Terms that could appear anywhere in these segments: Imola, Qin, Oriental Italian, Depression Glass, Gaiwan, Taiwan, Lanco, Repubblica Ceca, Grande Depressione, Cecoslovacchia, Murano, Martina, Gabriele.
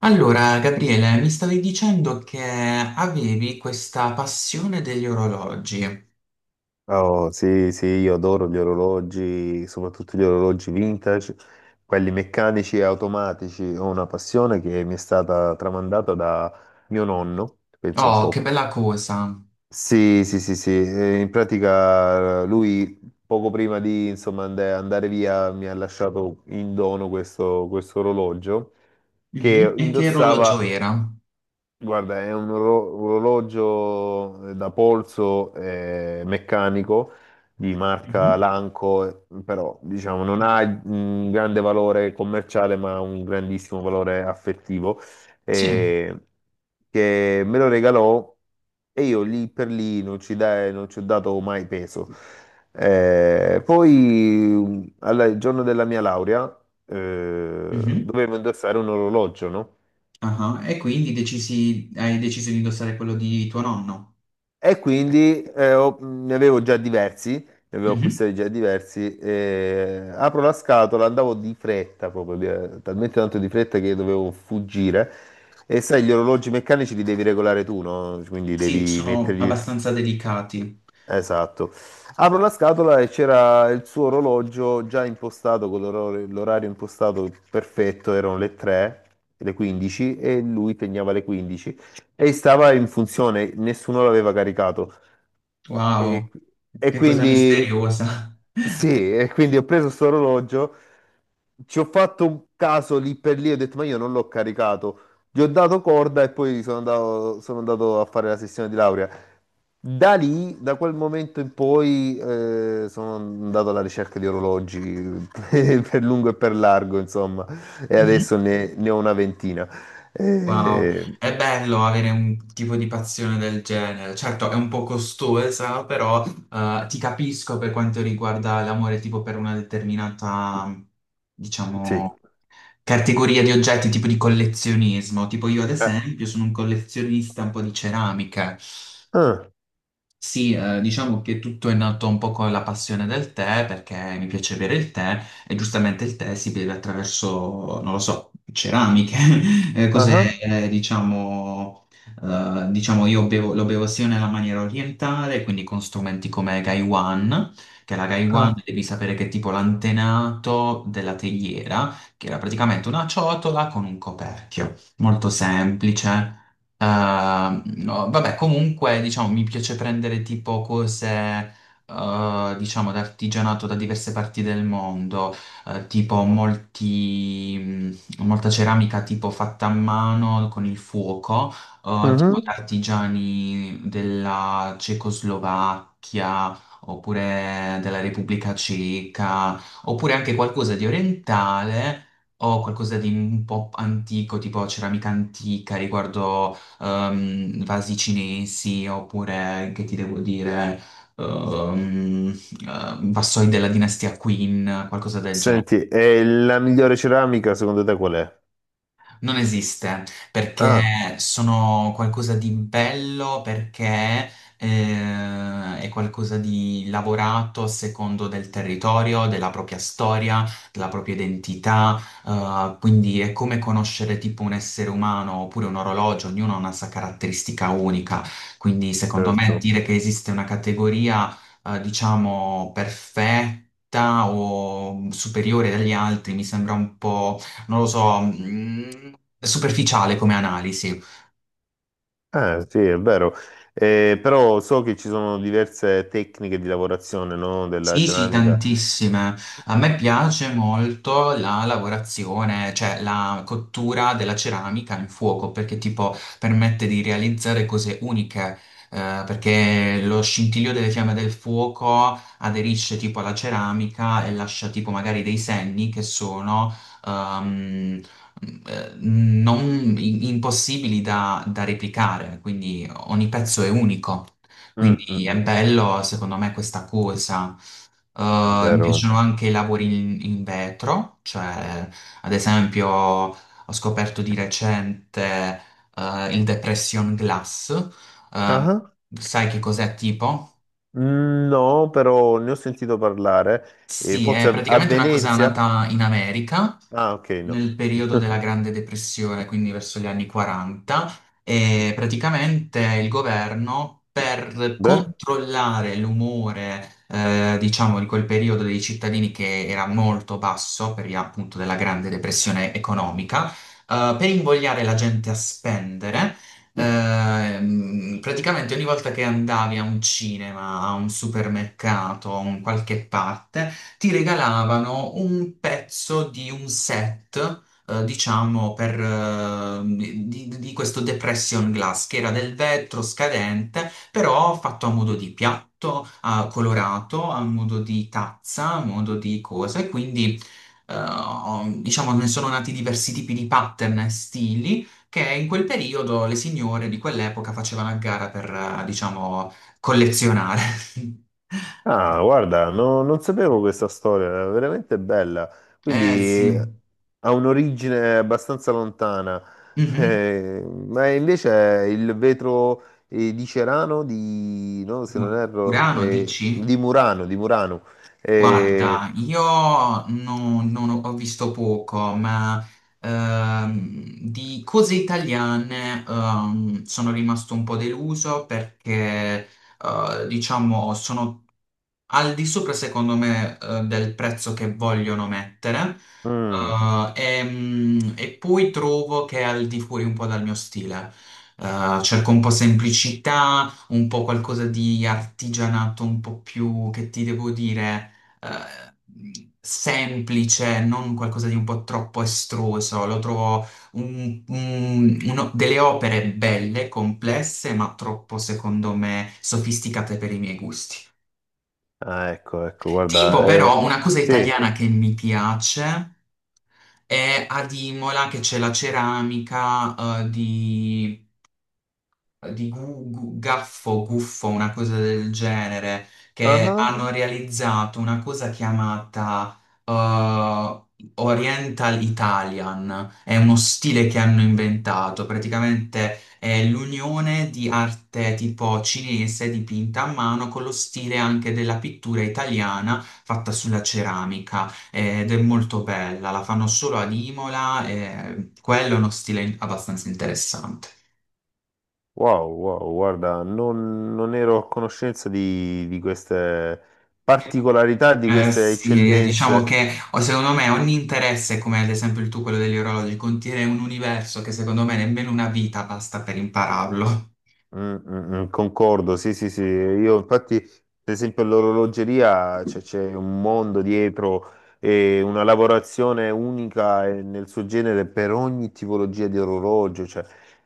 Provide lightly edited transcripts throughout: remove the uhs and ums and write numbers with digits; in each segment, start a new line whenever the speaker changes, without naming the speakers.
Allora, Gabriele, mi stavi dicendo che avevi questa passione degli orologi.
Oh, sì, sì, io adoro gli orologi, soprattutto gli orologi vintage, quelli meccanici e automatici. Ho una passione che mi è stata tramandata da mio nonno, penso un
Oh, che
po'.
bella cosa!
Sì, sì, sì, sì. In pratica lui poco prima di insomma, andare via mi ha lasciato in dono questo orologio
Mhm.
che
E che orologio
indossava.
era?
Guarda, è un orologio da polso meccanico di marca
Mhm.
Lanco, però diciamo non ha un grande valore commerciale, ma ha un grandissimo valore affettivo,
Sì.
eh, che me lo regalò e io lì per lì non ci ho dato mai peso. Poi, il giorno della mia laurea,
Mhm.
dovevo indossare un orologio, no?
Ah, hai deciso di indossare quello di tuo nonno?
E quindi ne avevo già diversi, ne avevo
Mhm.
acquistati già diversi. E apro la scatola, andavo di fretta proprio, talmente tanto di fretta che dovevo fuggire. E sai, gli orologi meccanici li devi regolare tu, no? Quindi
Sì,
devi
sono
mettergli.
abbastanza delicati.
Esatto. Apro la scatola e c'era il suo orologio già impostato, con l'orario impostato perfetto. Erano le 3, le 15, e lui pegnava le 15 e stava in funzione, nessuno l'aveva caricato.
Wow.
E, e
Che cosa
quindi
misteriosa.
sì, e quindi ho preso questo orologio. Ci ho fatto un caso lì per lì, ho detto ma io non l'ho caricato, gli ho dato corda e poi sono andato a fare la sessione di laurea. Da lì, da quel momento in poi, sono andato alla ricerca di orologi per lungo e per largo, insomma, e adesso ne ho una ventina.
Wow,
Eh,
è bello avere un tipo di passione del genere. Certo, è un po' costosa, però ti capisco per quanto riguarda l'amore tipo per una determinata,
sì.
diciamo, categoria di oggetti, tipo di collezionismo. Tipo io ad
Eh.
esempio sono un collezionista un po' di ceramiche.
Ah,
Sì, diciamo che tutto è nato un po' con la passione del tè, perché mi piace bere il tè e giustamente il tè si beve attraverso, non lo so, ceramiche,
ah,
cose,
ah,
eh, diciamo, diciamo lo bevo sia nella maniera orientale, quindi con strumenti come Gaiwan, che la Gaiwan
ah,
devi sapere che è tipo l'antenato della teiera, che era praticamente una ciotola con un coperchio, molto semplice. No, vabbè, comunque, diciamo, mi piace prendere tipo cose, diciamo, d'artigianato da diverse parti del mondo, tipo molti, molta ceramica tipo fatta a mano con il fuoco, tipo da
mhm.
artigiani della Cecoslovacchia. Oppure della Repubblica Ceca, oppure anche qualcosa di orientale o qualcosa di un po' antico, tipo ceramica antica riguardo vasi cinesi oppure, che ti devo dire, ehm, vassoi della dinastia Qin, qualcosa del
Senti, e la migliore ceramica secondo te qual è?
Non esiste perché
Ah,
sono qualcosa di bello, perché è qualcosa di lavorato a secondo del territorio, della propria storia, della propria identità, quindi è come conoscere tipo un essere umano oppure un orologio, ognuno ha una sua caratteristica unica, quindi secondo me
certo.
dire che esiste una categoria diciamo perfetta o superiore agli altri mi sembra un po' non lo so, superficiale come analisi.
Ah, sì, è vero. Però so che ci sono diverse tecniche di lavorazione, no, della
Sì, sì,
ceramica.
tantissime. A me piace molto la lavorazione, cioè la cottura della ceramica in fuoco, perché tipo permette di realizzare cose uniche, perché lo scintillio delle fiamme del fuoco aderisce tipo alla ceramica e lascia tipo magari dei segni che sono ehm, non impossibili da replicare, quindi ogni pezzo è unico.
Mm, mm,
Quindi è
mm,
bello, secondo me, questa cosa. Mi
vero.
piacciono anche i lavori in vetro, cioè ad esempio ho scoperto di recente il Depression Glass. Eh,
Ah,
sai che cos'è tipo?
no, però ne ho sentito parlare. E
Sì,
forse
è
a
praticamente una cosa
Venezia?
nata in America
Ah, ok, no.
nel periodo della Grande Depressione, quindi verso gli anni 40, e praticamente il governo per
Beh?
controllare l'umore, diciamo, di quel periodo dei cittadini che era molto basso per via appunto della Grande Depressione economica, per invogliare la gente a spendere. Praticamente ogni volta che andavi a un cinema, a un supermercato, a un qualche parte, ti regalavano un pezzo di un set, diciamo, per, di questo depression glass, che era del vetro scadente, però fatto a modo di piatto, ah, colorato, a modo di tazza, a modo di cosa, e quindi, diciamo, ne sono nati diversi tipi di pattern e stili. Che in quel periodo le signore di quell'epoca facevano a gara per, diciamo, collezionare.
Ah, guarda, non sapevo questa storia, è veramente bella.
Eh
Quindi
sì.
ha un'origine abbastanza lontana.
Mhm.
Ma invece il vetro di Cerano, di, no, se non erro,
Urano, dici?
di Murano, di Murano.
Guarda,
Eh,
io non, non ho visto poco, ma di cose italiane sono rimasto un po' deluso perché, diciamo, sono al di sopra, secondo me, del prezzo che vogliono mettere.
mm,
eh, e poi trovo che è al di fuori un po' dal mio stile. Cerco un po' semplicità, un po' qualcosa di artigianato, un po' più, che ti devo dire, eh, semplice, non qualcosa di un po' troppo estruso. Lo trovo delle opere belle, complesse, ma troppo, secondo me, sofisticate per i miei gusti.
ah, ecco, ecco,
Tipo,
guarda,
però, una cosa
sì,
italiana che mi piace è ad Imola che c'è la ceramica, di gaffo, guffo, una cosa del genere, che
ah,
hanno realizzato una cosa chiamata Oriental Italian. È uno stile che hanno inventato, praticamente è l'unione di arte tipo cinese dipinta a mano con lo stile anche della pittura italiana fatta sulla ceramica ed è molto bella, la fanno solo ad Imola e quello è uno stile abbastanza interessante.
wow, wow, guarda, non ero a conoscenza di queste particolarità, di queste
Sì, diciamo
eccellenze.
che o secondo me ogni interesse, come ad esempio il tuo, quello degli orologi, contiene un universo che secondo me nemmeno una vita basta per impararlo.
Mm, mm, mm, concordo, sì, sì, sì. Io infatti, per esempio, l'orologeria cioè, c'è un mondo dietro e una lavorazione unica e nel suo genere per ogni tipologia di orologio, cioè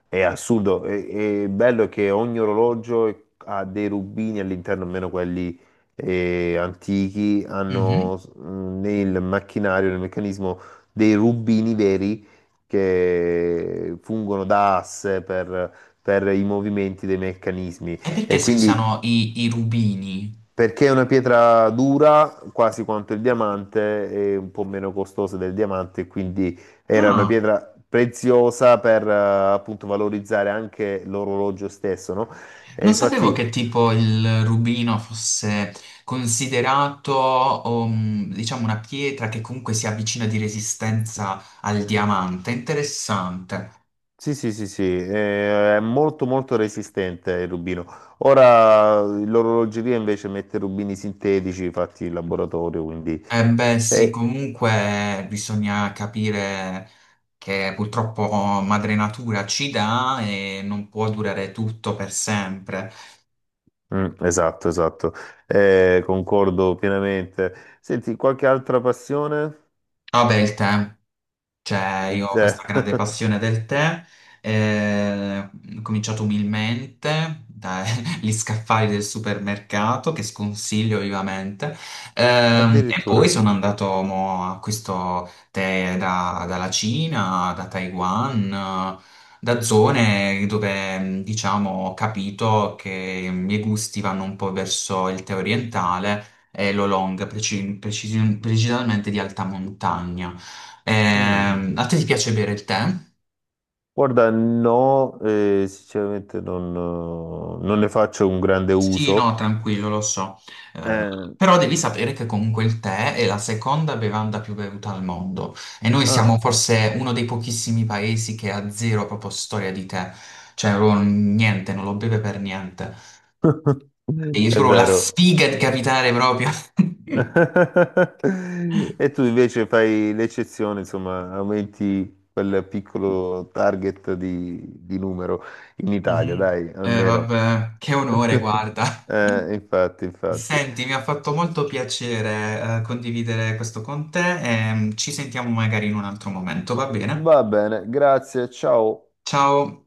è assurdo. E bello è che ogni orologio ha dei rubini all'interno, almeno quelli antichi,
Mhm.
hanno nel macchinario, nel meccanismo dei rubini veri che fungono da asse per i movimenti dei meccanismi
E perché
e
si
quindi
usano i rubini?
perché è una pietra dura quasi quanto il diamante e un po' meno costosa del diamante, quindi era una
Ah,
pietra preziosa per appunto valorizzare anche l'orologio stesso, no? E
non sapevo
infatti
che tipo il rubino fosse considerato, diciamo, una pietra che comunque si avvicina di resistenza al diamante. Interessante.
sì, sì, sì, sì, è molto molto resistente il rubino. Ora l'orologeria invece mette rubini sintetici fatti in laboratorio, quindi.
Eh beh, sì,
eh,
comunque bisogna capire che purtroppo madre natura ci dà e non può durare tutto per sempre.
Mm, esatto, esatto. Concordo pienamente. Senti, qualche altra passione?
Vabbè, il tempo. Cioè,
Il
io ho
tè.
questa grande passione del tè, eh, ho cominciato umilmente dagli scaffali del supermercato, che sconsiglio vivamente, e poi
Addirittura.
sono andato mo, a questo tè dalla Cina, da Taiwan, da zone dove, diciamo, ho capito che i miei gusti vanno un po' verso il tè orientale e l'oolong, precisamente di alta montagna.
Mm.
A te ti piace bere il tè?
Guarda, no, sinceramente non ne faccio un grande
Sì,
uso.
no, tranquillo, lo so. Eh,
Eh,
però devi sapere che comunque il tè è la seconda bevanda più bevuta al mondo e noi siamo
ah.
forse uno dei pochissimi paesi che ha zero proprio storia di tè, cioè proprio niente, non lo beve per niente. E io
È
trovo la
vero.
sfiga di capitare proprio.
E tu invece fai l'eccezione, insomma, aumenti quel piccolo target di numero in Italia,
Mhm.
dai, almeno.
Vabbè, che onore, guarda.
Infatti, infatti.
Senti, mi ha fatto molto piacere, condividere questo con te e ci sentiamo magari in un altro momento, va bene?
Va bene, grazie, ciao.
Ciao!